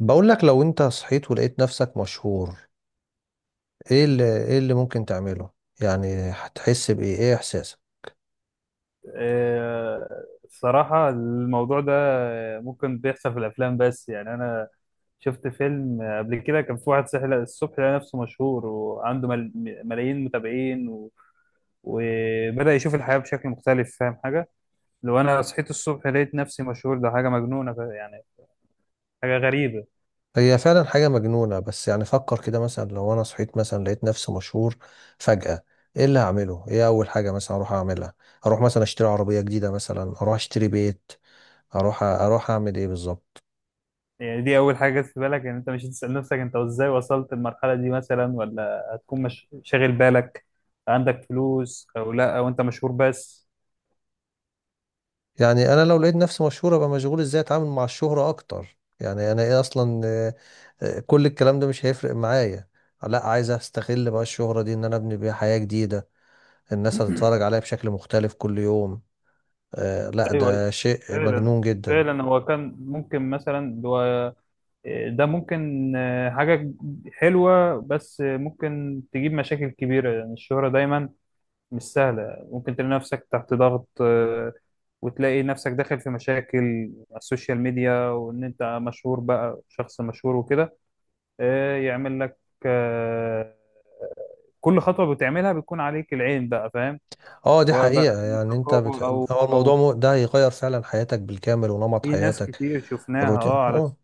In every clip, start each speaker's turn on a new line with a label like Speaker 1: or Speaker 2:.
Speaker 1: بقول لك لو انت صحيت ولقيت نفسك مشهور. ايه اللي ممكن تعمله؟ يعني هتحس بايه؟ ايه احساسك؟
Speaker 2: الصراحة الموضوع ده ممكن بيحصل في الأفلام، بس يعني أنا شفت فيلم قبل كده كان في واحد صحي الصبح لقى نفسه مشهور وعنده ملايين متابعين وبدأ يشوف الحياة بشكل مختلف. فاهم حاجة؟ لو أنا صحيت الصبح لقيت نفسي مشهور ده حاجة مجنونة، يعني حاجة غريبة.
Speaker 1: هي فعلا حاجة مجنونة، بس يعني فكر كده، مثلا لو انا صحيت مثلا لقيت نفسي مشهور فجأة، ايه اللي هعمله؟ ايه اول حاجة مثلا اروح اعملها؟ اروح مثلا اشتري عربية جديدة، مثلا اروح اشتري بيت، اروح اعمل ايه بالظبط؟
Speaker 2: يعني دي أول حاجة جت في بالك، إن أنت مش هتسأل نفسك أنت إزاي وصلت المرحلة دي مثلا، ولا هتكون مش... شاغل بالك عندك فلوس أو لا، أو أنت مشهور بس؟
Speaker 1: يعني انا لو لقيت نفسي مشهور ابقى مشغول ازاي اتعامل مع الشهرة اكتر، يعني انا ايه اصلا؟ كل الكلام ده مش هيفرق معايا، لا عايز استغل بقى الشهرة دي ان انا ابني بيها حياة جديدة. الناس هتتفرج عليا بشكل مختلف كل يوم. آه لا،
Speaker 2: ايوه، أيوة.
Speaker 1: ده شيء
Speaker 2: فعلا،
Speaker 1: مجنون جدا.
Speaker 2: فعلا هو كان ممكن مثلا، هو ده ممكن حاجة حلوة، بس ممكن تجيب مشاكل كبيرة. يعني الشهرة دايما مش سهلة، ممكن تلاقي نفسك تحت ضغط، وتلاقي نفسك داخل في مشاكل على السوشيال ميديا، وإن أنت مشهور بقى شخص مشهور وكده يعمل لك، آه، كل خطوة بتعملها بتكون عليك العين بقى. فاهم؟
Speaker 1: اه دي
Speaker 2: سواء بقى
Speaker 1: حقيقة. يعني
Speaker 2: رقابة أو
Speaker 1: هو الموضوع
Speaker 2: أو
Speaker 1: ده هيغير فعلا حياتك بالكامل ونمط
Speaker 2: في ناس
Speaker 1: حياتك،
Speaker 2: كتير شفناها
Speaker 1: الروتين.
Speaker 2: على
Speaker 1: اه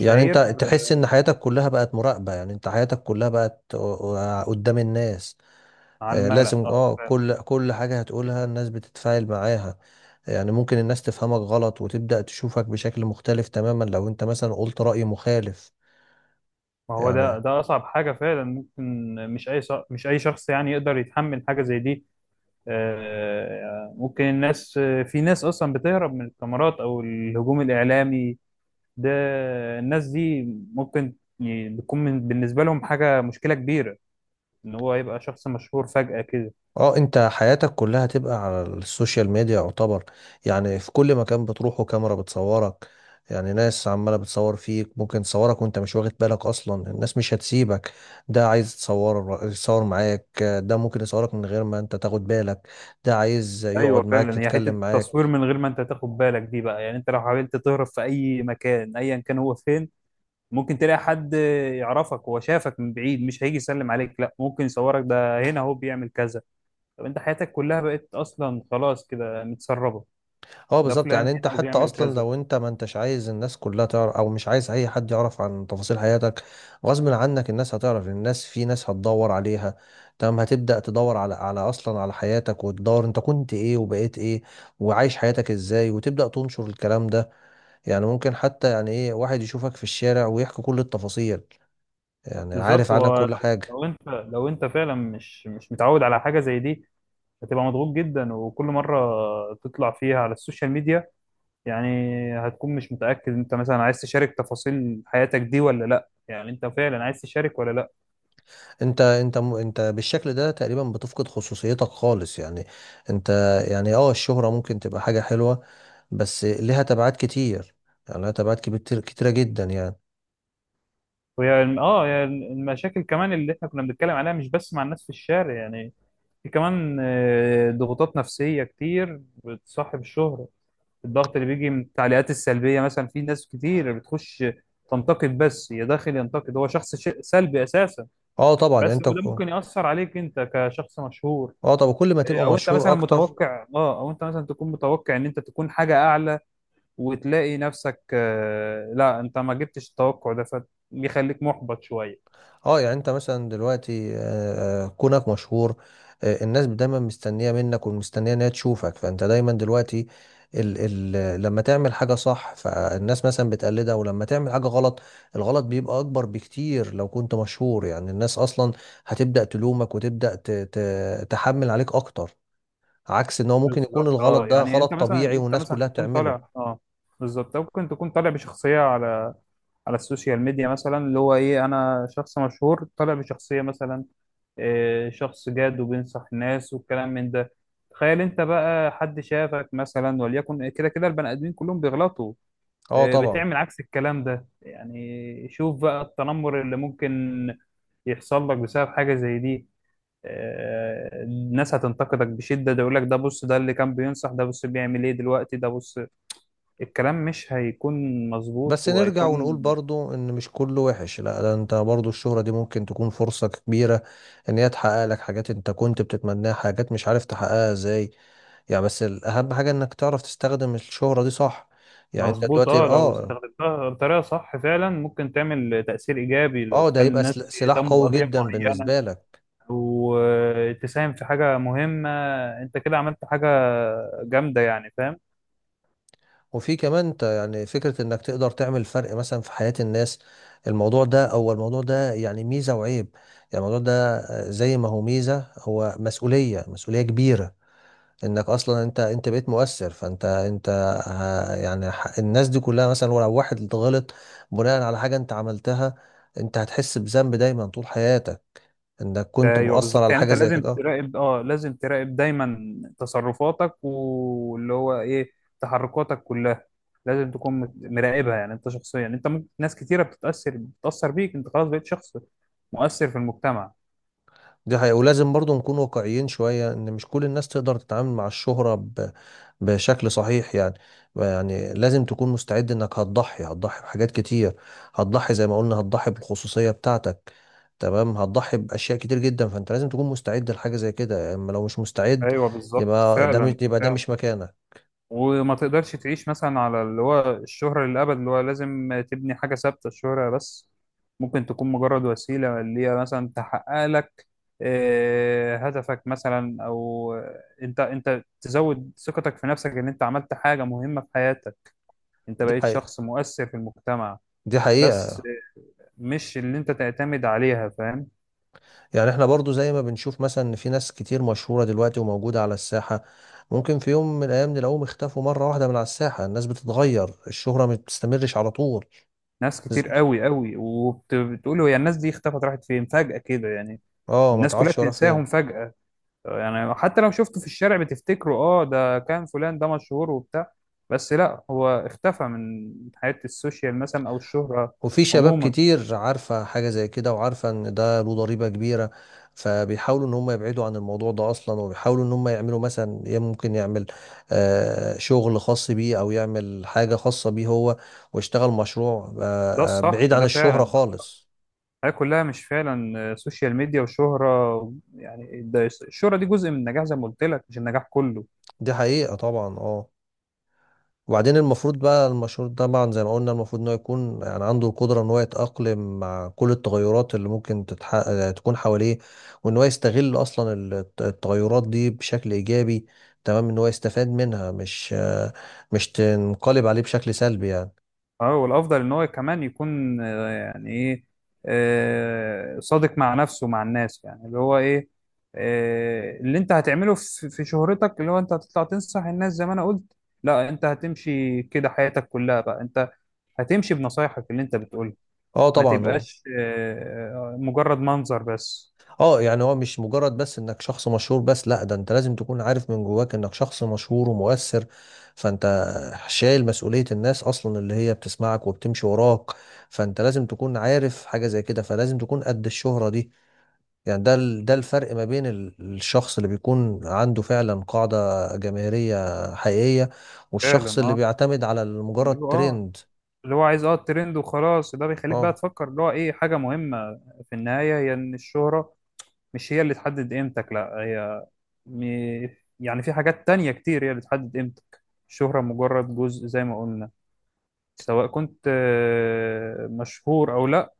Speaker 1: يعني انت تحس ان حياتك كلها بقت مراقبة، يعني انت حياتك كلها بقت قدام الناس.
Speaker 2: على
Speaker 1: لازم
Speaker 2: الملأ. اه،
Speaker 1: اه
Speaker 2: فاهم.
Speaker 1: كل حاجة هتقولها الناس بتتفاعل معاها. يعني ممكن الناس تفهمك غلط وتبدأ تشوفك بشكل مختلف تماما لو انت مثلا قلت رأي مخالف.
Speaker 2: ما هو ده
Speaker 1: يعني
Speaker 2: اصعب حاجه فعلا ممكن. مش اي شخص يعني يقدر يتحمل حاجه زي دي. ممكن الناس، في ناس اصلا بتهرب من الكاميرات او الهجوم الاعلامي ده. الناس دي ممكن بتكون بالنسبه لهم حاجه مشكله كبيره ان هو يبقى شخص مشهور فجاه كده.
Speaker 1: اه انت حياتك كلها هتبقى على السوشيال ميديا يعتبر. يعني في كل مكان بتروحه كاميرا بتصورك، يعني ناس عمالة بتصور فيك، ممكن تصورك وانت مش واخد بالك اصلا. الناس مش هتسيبك، ده عايز يتصور معاك، ده ممكن يصورك من غير ما انت تاخد بالك، ده عايز
Speaker 2: ايوه،
Speaker 1: يقعد معاك
Speaker 2: فعلا. هي حته
Speaker 1: يتكلم
Speaker 2: التصوير
Speaker 1: معاك.
Speaker 2: من غير ما انت تاخد بالك دي بقى، يعني انت لو حاولت تهرب في اي مكان ايا كان هو فين، ممكن تلاقي حد يعرفك، هو شافك من بعيد مش هيجي يسلم عليك، لا ممكن يصورك. ده هنا هو بيعمل كذا، طب انت حياتك كلها بقت اصلا خلاص كده متسربه،
Speaker 1: اه
Speaker 2: ده
Speaker 1: بالظبط.
Speaker 2: فلان
Speaker 1: يعني انت
Speaker 2: هنا
Speaker 1: حتى
Speaker 2: وبيعمل
Speaker 1: اصلا
Speaker 2: كذا.
Speaker 1: لو انت ما انتش عايز الناس كلها تعرف، او مش عايز اي حد يعرف عن تفاصيل حياتك، غصب عنك الناس هتعرف. الناس في ناس هتدور عليها، تمام، هتبدأ تدور على اصلا على حياتك، وتدور انت كنت ايه وبقيت ايه وعايش حياتك ازاي، وتبدأ تنشر الكلام ده. يعني ممكن حتى يعني ايه واحد يشوفك في الشارع ويحكي كل التفاصيل، يعني عارف
Speaker 2: بالظبط.
Speaker 1: عنك
Speaker 2: هو لو
Speaker 1: كل حاجة.
Speaker 2: لو انت لو انت فعلا مش متعود على حاجه زي دي، هتبقى مضغوط جدا. وكل مره تطلع فيها على السوشيال ميديا يعني هتكون مش متاكد انت مثلا عايز تشارك تفاصيل حياتك دي ولا لا، يعني انت فعلا عايز تشارك ولا لا.
Speaker 1: انت بالشكل ده تقريبا بتفقد خصوصيتك خالص. يعني انت، يعني اه الشهرة ممكن تبقى حاجة حلوة، بس لها تبعات كتير، يعني لها كتيرة جدا يعني.
Speaker 2: وهي الم- اه هي المشاكل كمان اللي احنا كنا بنتكلم عليها مش بس مع الناس في الشارع يعني، في كمان ضغوطات نفسية كتير بتصاحب الشهرة. الضغط اللي بيجي من التعليقات السلبية مثلا، في ناس كتير بتخش تنتقد بس، يا داخل ينتقد هو شخص سلبي أساسا
Speaker 1: اه طبعا. يعني
Speaker 2: بس، وده ممكن يأثر عليك أنت كشخص مشهور.
Speaker 1: اه طبعا كل ما تبقى مشهور اكتر.
Speaker 2: أو أنت مثلا تكون متوقع إن أنت تكون حاجة أعلى، وتلاقي نفسك لا أنت ما جبتش التوقع ده فبيخليك محبط شوية.
Speaker 1: اه يعني انت مثلا دلوقتي كونك مشهور، الناس دايما مستنيه منك ومستنيه ان هي تشوفك، فانت دايما دلوقتي ال ال لما تعمل حاجه صح فالناس مثلا بتقلدها، ولما تعمل حاجه غلط الغلط بيبقى اكبر بكتير لو كنت مشهور. يعني الناس اصلا هتبدا تلومك، وتبدا ت تحمل عليك اكتر، عكس ان هو ممكن يكون
Speaker 2: بالظبط،
Speaker 1: الغلط
Speaker 2: اه.
Speaker 1: ده
Speaker 2: يعني
Speaker 1: غلط طبيعي
Speaker 2: انت
Speaker 1: والناس
Speaker 2: مثلا
Speaker 1: كلها
Speaker 2: تكون
Speaker 1: بتعمله.
Speaker 2: طالع بالظبط، ممكن تكون طالع بشخصيه على السوشيال ميديا مثلا، اللي هو ايه انا شخص مشهور طالع بشخصيه مثلا إيه، شخص جاد وبينصح الناس والكلام من ده. تخيل انت بقى حد شافك مثلا، وليكن كده كده البني ادمين كلهم بيغلطوا
Speaker 1: اه
Speaker 2: إيه،
Speaker 1: طبعا.
Speaker 2: بتعمل عكس الكلام ده. يعني شوف بقى التنمر اللي ممكن يحصل لك بسبب حاجه زي دي. الناس هتنتقدك بشدة، ده يقول لك ده بص، ده اللي كان بينصح، ده بص بيعمل ايه دلوقتي، ده بص الكلام مش هيكون مظبوط
Speaker 1: بس نرجع ونقول
Speaker 2: وهيكون
Speaker 1: برضو ان مش كله وحش، لا، ده انت برضو الشهرة دي ممكن تكون فرصة كبيرة ان هي تحقق لك حاجات انت كنت بتتمناها، حاجات مش عارف تحققها ازاي. يعني بس الاهم حاجة انك تعرف تستخدم الشهرة دي صح. يعني انت
Speaker 2: مظبوط.
Speaker 1: دلوقتي
Speaker 2: اه، لو
Speaker 1: اه،
Speaker 2: استخدمتها بطريقة صح فعلا ممكن تعمل تأثير إيجابي،
Speaker 1: اه ده
Speaker 2: تخلي
Speaker 1: هيبقى
Speaker 2: الناس
Speaker 1: سلاح
Speaker 2: يهتموا
Speaker 1: قوي
Speaker 2: بقضية
Speaker 1: جدا
Speaker 2: معينة،
Speaker 1: بالنسبة لك.
Speaker 2: وتساهم في حاجة مهمة، انت كده عملت حاجة جامدة يعني. فاهم؟
Speaker 1: وفي كمان انت، يعني فكرة انك تقدر تعمل فرق مثلا في حياة الناس، الموضوع ده، او الموضوع ده يعني ميزة وعيب. يعني الموضوع ده، زي ما هو ميزة هو مسؤولية، مسؤولية كبيرة. انك اصلا انت بقيت مؤثر، فانت انت ه- يعني ح- الناس دي كلها مثلا ولو واحد غلط بناء على حاجة انت عملتها، انت هتحس بذنب دايما طول حياتك انك كنت
Speaker 2: ايوه
Speaker 1: مؤثر
Speaker 2: بالظبط.
Speaker 1: على
Speaker 2: يعني انت
Speaker 1: حاجة زي
Speaker 2: لازم
Speaker 1: كده آه.
Speaker 2: تراقب دايما تصرفاتك، واللي هو ايه تحركاتك كلها، لازم تكون مراقبها. يعني انت شخصيا، انت ممكن ناس كتيره بتتاثر بيك، انت خلاص بقيت شخص مؤثر في المجتمع.
Speaker 1: دي حقيقة. ولازم برضو نكون واقعيين شوية ان مش كل الناس تقدر تتعامل مع الشهرة بشكل صحيح يعني. يعني لازم تكون مستعد انك هتضحي بحاجات كتير، هتضحي زي ما قلنا، هتضحي بالخصوصية بتاعتك، تمام، هتضحي بأشياء كتير جدا، فانت لازم تكون مستعد لحاجة زي كده، اما لو مش مستعد
Speaker 2: ايوه بالظبط،
Speaker 1: يبقى ده مش
Speaker 2: فعلا
Speaker 1: يبقى ده
Speaker 2: فعلا.
Speaker 1: مش مكانك.
Speaker 2: وما تقدرش تعيش مثلا على اللي هو الشهرة للأبد، اللي هو لازم تبني حاجة ثابتة. الشهرة بس ممكن تكون مجرد وسيلة اللي هي مثلا تحقق لك هدفك مثلا، أو أنت تزود ثقتك في نفسك إن أنت عملت حاجة مهمة في حياتك، أنت
Speaker 1: دي
Speaker 2: بقيت
Speaker 1: حقيقة،
Speaker 2: شخص مؤثر في المجتمع.
Speaker 1: دي حقيقة.
Speaker 2: بس مش اللي أنت تعتمد عليها. فاهم؟
Speaker 1: يعني احنا برضو زي ما بنشوف مثلا ان في ناس كتير مشهورة دلوقتي وموجودة على الساحة، ممكن في يوم من الايام نلاقوهم اختفوا مرة واحدة من على الساحة. الناس بتتغير، الشهرة ما بتستمرش على طول.
Speaker 2: ناس
Speaker 1: ز-
Speaker 2: كتير قوي قوي. وبتقول هي الناس دي اختفت، راحت فين فجأة كده، يعني؟
Speaker 1: اه ما
Speaker 2: الناس كلها
Speaker 1: تعرفش ورا فين.
Speaker 2: بتنساهم فجأة. يعني حتى لو شفته في الشارع بتفتكره، اه ده كان فلان ده مشهور وبتاع، بس لا هو اختفى من حياة السوشيال مثلا او الشهرة
Speaker 1: وفي شباب
Speaker 2: عموما.
Speaker 1: كتير عارفة حاجة زي كده، وعارفة ان ده له ضريبة كبيرة، فبيحاولوا ان هم يبعدوا عن الموضوع ده اصلا، وبيحاولوا ان هم يعملوا مثلا، يا ممكن يعمل آه شغل خاص بيه، او يعمل حاجة خاصة بيه هو، ويشتغل مشروع
Speaker 2: ده الصح
Speaker 1: بعيد عن
Speaker 2: ده
Speaker 1: الشهرة
Speaker 2: فعلا.
Speaker 1: خالص.
Speaker 2: الحياة كلها مش فعلا سوشيال ميديا وشهرة يعني، ده الشهرة دي جزء من النجاح زي ما قلت لك، مش النجاح كله.
Speaker 1: دي حقيقة طبعا اه. وبعدين المفروض بقى المشهور ده طبعا زي ما قلنا، المفروض ان هو يكون يعني عنده القدرة ان هو يتأقلم مع كل التغيرات اللي ممكن تكون حواليه، وان هو يستغل اصلا التغيرات دي بشكل ايجابي، تمام، ان هو يستفاد منها، مش تنقلب عليه بشكل سلبي يعني.
Speaker 2: اه. والافضل ان هو كمان يكون يعني ايه، صادق مع نفسه ومع الناس. يعني اللي هو ايه، اللي انت هتعمله في في شهرتك، اللي هو انت هتطلع تنصح الناس زي ما انا قلت، لا انت هتمشي كده حياتك كلها بقى، انت هتمشي بنصايحك اللي انت بتقولها،
Speaker 1: اه
Speaker 2: ما
Speaker 1: طبعا.
Speaker 2: تبقاش مجرد منظر بس.
Speaker 1: اه يعني هو مش مجرد بس انك شخص مشهور بس، لا، ده انت لازم تكون عارف من جواك انك شخص مشهور ومؤثر، فانت شايل مسؤولية الناس اصلا اللي هي بتسمعك وبتمشي وراك، فانت لازم تكون عارف حاجة زي كده، فلازم تكون قد الشهرة دي. يعني ده ده الفرق ما بين الشخص اللي بيكون عنده فعلا قاعدة جماهيرية حقيقية،
Speaker 2: فعلا،
Speaker 1: والشخص اللي
Speaker 2: اه،
Speaker 1: بيعتمد على مجرد
Speaker 2: اللي هو اه
Speaker 1: ترند.
Speaker 2: اللي هو عايز الترند وخلاص. ده بيخليك بقى
Speaker 1: اه.
Speaker 2: تفكر اللي هو ايه حاجة مهمة في النهاية، هي ان الشهرة مش هي اللي تحدد قيمتك. لا، هي م... يعني في حاجات تانية كتير هي اللي بتحدد قيمتك، الشهرة مجرد جزء زي ما قلنا. سواء كنت مشهور أو لأ،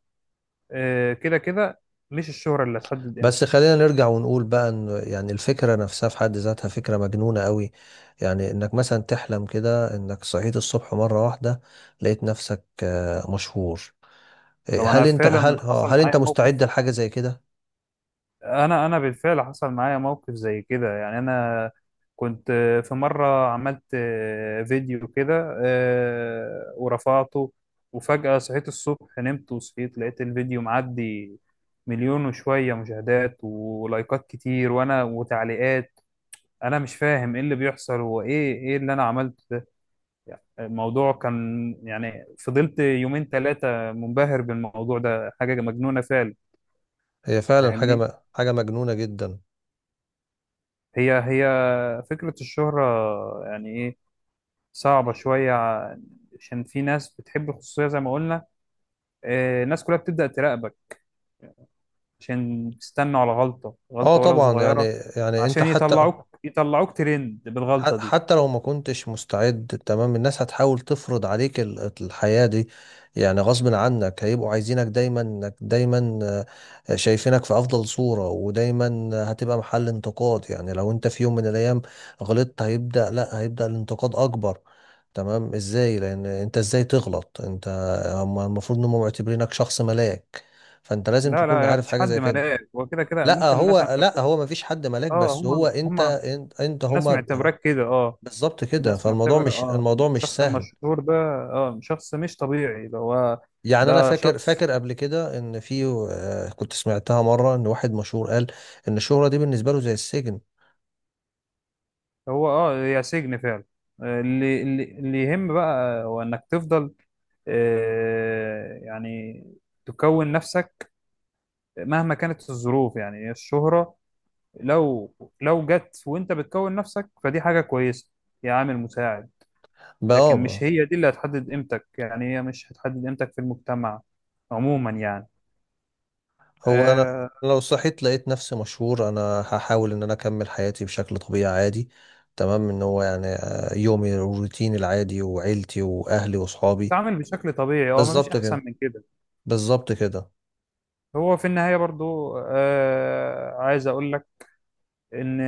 Speaker 2: كده كده مش الشهرة اللي هتحدد
Speaker 1: بس
Speaker 2: قيمتك.
Speaker 1: خلينا نرجع ونقول بقى ان يعني الفكره نفسها في حد ذاتها فكره مجنونه قوي، يعني انك مثلا تحلم كده انك صحيت الصبح مره واحده لقيت نفسك مشهور. إيه،
Speaker 2: لو أنا
Speaker 1: هل انت
Speaker 2: فعلا، أنا
Speaker 1: هل آه،
Speaker 2: حصل
Speaker 1: هل انت
Speaker 2: معايا
Speaker 1: مستعد
Speaker 2: موقف،
Speaker 1: لحاجه زي كده؟
Speaker 2: انا بالفعل حصل معايا موقف زي كده يعني. انا كنت في مره عملت فيديو كده، ورفعته. وفجاه صحيت الصبح، نمت وصحيت لقيت الفيديو معدي مليون وشويه مشاهدات ولايكات كتير، وانا وتعليقات، انا مش فاهم ايه اللي بيحصل، هو ايه، ايه اللي انا عملته ده؟ يعني الموضوع كان، يعني فضلت يومين ثلاثه منبهر بالموضوع ده، حاجه مجنونه فعلا.
Speaker 1: هي فعلا
Speaker 2: فاهمني؟
Speaker 1: حاجه مجنونه جدا.
Speaker 2: هي فكرة الشهرة يعني إيه، صعبة شوية، عشان في ناس بتحب الخصوصية زي ما قلنا. الناس كلها بتبدأ تراقبك، عشان تستنوا على غلطة،
Speaker 1: اه
Speaker 2: غلطة ولو
Speaker 1: طبعا يعني.
Speaker 2: صغيرة،
Speaker 1: يعني انت
Speaker 2: عشان
Speaker 1: حتى
Speaker 2: يطلعوك ترند بالغلطة دي.
Speaker 1: حتى لو ما كنتش مستعد، تمام، الناس هتحاول تفرض عليك الحياة دي. يعني غصب عنك هيبقوا عايزينك دايما، انك دايما شايفينك في افضل صورة، ودايما هتبقى محل انتقاد. يعني لو انت في يوم من الايام غلطت هيبدأ لا هيبدأ الانتقاد اكبر. تمام، ازاي؟ لان انت ازاي تغلط انت؟ هم المفروض انهم معتبرينك شخص ملاك، فانت لازم
Speaker 2: لا
Speaker 1: تكون
Speaker 2: لا، يا
Speaker 1: عارف
Speaker 2: مفيش
Speaker 1: حاجة
Speaker 2: حد
Speaker 1: زي كده.
Speaker 2: ملاك، وكده كده كده
Speaker 1: لا
Speaker 2: ممكن الناس عم
Speaker 1: هو، لا
Speaker 2: تكون.
Speaker 1: هو مفيش حد ملاك،
Speaker 2: اه،
Speaker 1: بس هو
Speaker 2: هم
Speaker 1: انت،
Speaker 2: هم
Speaker 1: انت
Speaker 2: الناس
Speaker 1: هم.
Speaker 2: معتبراك كده، اه.
Speaker 1: بالظبط كده،
Speaker 2: الناس
Speaker 1: فالموضوع
Speaker 2: معتبرة
Speaker 1: مش،
Speaker 2: اه
Speaker 1: الموضوع مش
Speaker 2: الشخص
Speaker 1: سهل.
Speaker 2: المشهور ده، اه شخص مش طبيعي ده، هو
Speaker 1: يعني انا
Speaker 2: ده
Speaker 1: فاكر
Speaker 2: شخص.
Speaker 1: فاكر قبل كده ان في كنت سمعتها مره ان واحد مشهور قال ان الشهره دي بالنسبه له زي السجن.
Speaker 2: هو اه، يا سجن فعلا. اللي يهم بقى هو انك تفضل، يعني تكون نفسك مهما كانت الظروف. يعني الشهرة، لو لو جت وانت بتكون نفسك فدي حاجة كويسة، يا عامل مساعد. لكن مش
Speaker 1: بابا.
Speaker 2: هي دي اللي هتحدد قيمتك، يعني هي مش هتحدد قيمتك في المجتمع عموما يعني.
Speaker 1: هو انا
Speaker 2: آه،
Speaker 1: لو صحيت لقيت نفسي مشهور انا هحاول ان انا اكمل حياتي بشكل طبيعي عادي، تمام، ان هو يعني يومي الروتين العادي وعيلتي واهلي واصحابي.
Speaker 2: تتعامل بشكل طبيعي، اه، مفيش
Speaker 1: بالظبط
Speaker 2: احسن
Speaker 1: كده،
Speaker 2: من كده.
Speaker 1: بالظبط كده.
Speaker 2: هو في النهاية برضو عايز اقول لك ان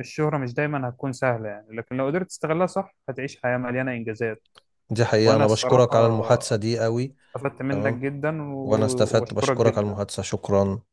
Speaker 2: الشهرة مش دايما هتكون سهلة يعني، لكن لو قدرت تستغلها صح هتعيش حياة مليانة انجازات.
Speaker 1: دي حقيقه،
Speaker 2: وانا
Speaker 1: انا بشكرك
Speaker 2: الصراحة
Speaker 1: على المحادثه دي قوي،
Speaker 2: استفدت منك
Speaker 1: تمام،
Speaker 2: جدا،
Speaker 1: وانا استفدت،
Speaker 2: وبشكرك
Speaker 1: بشكرك على
Speaker 2: جدا.
Speaker 1: المحادثه، شكرا.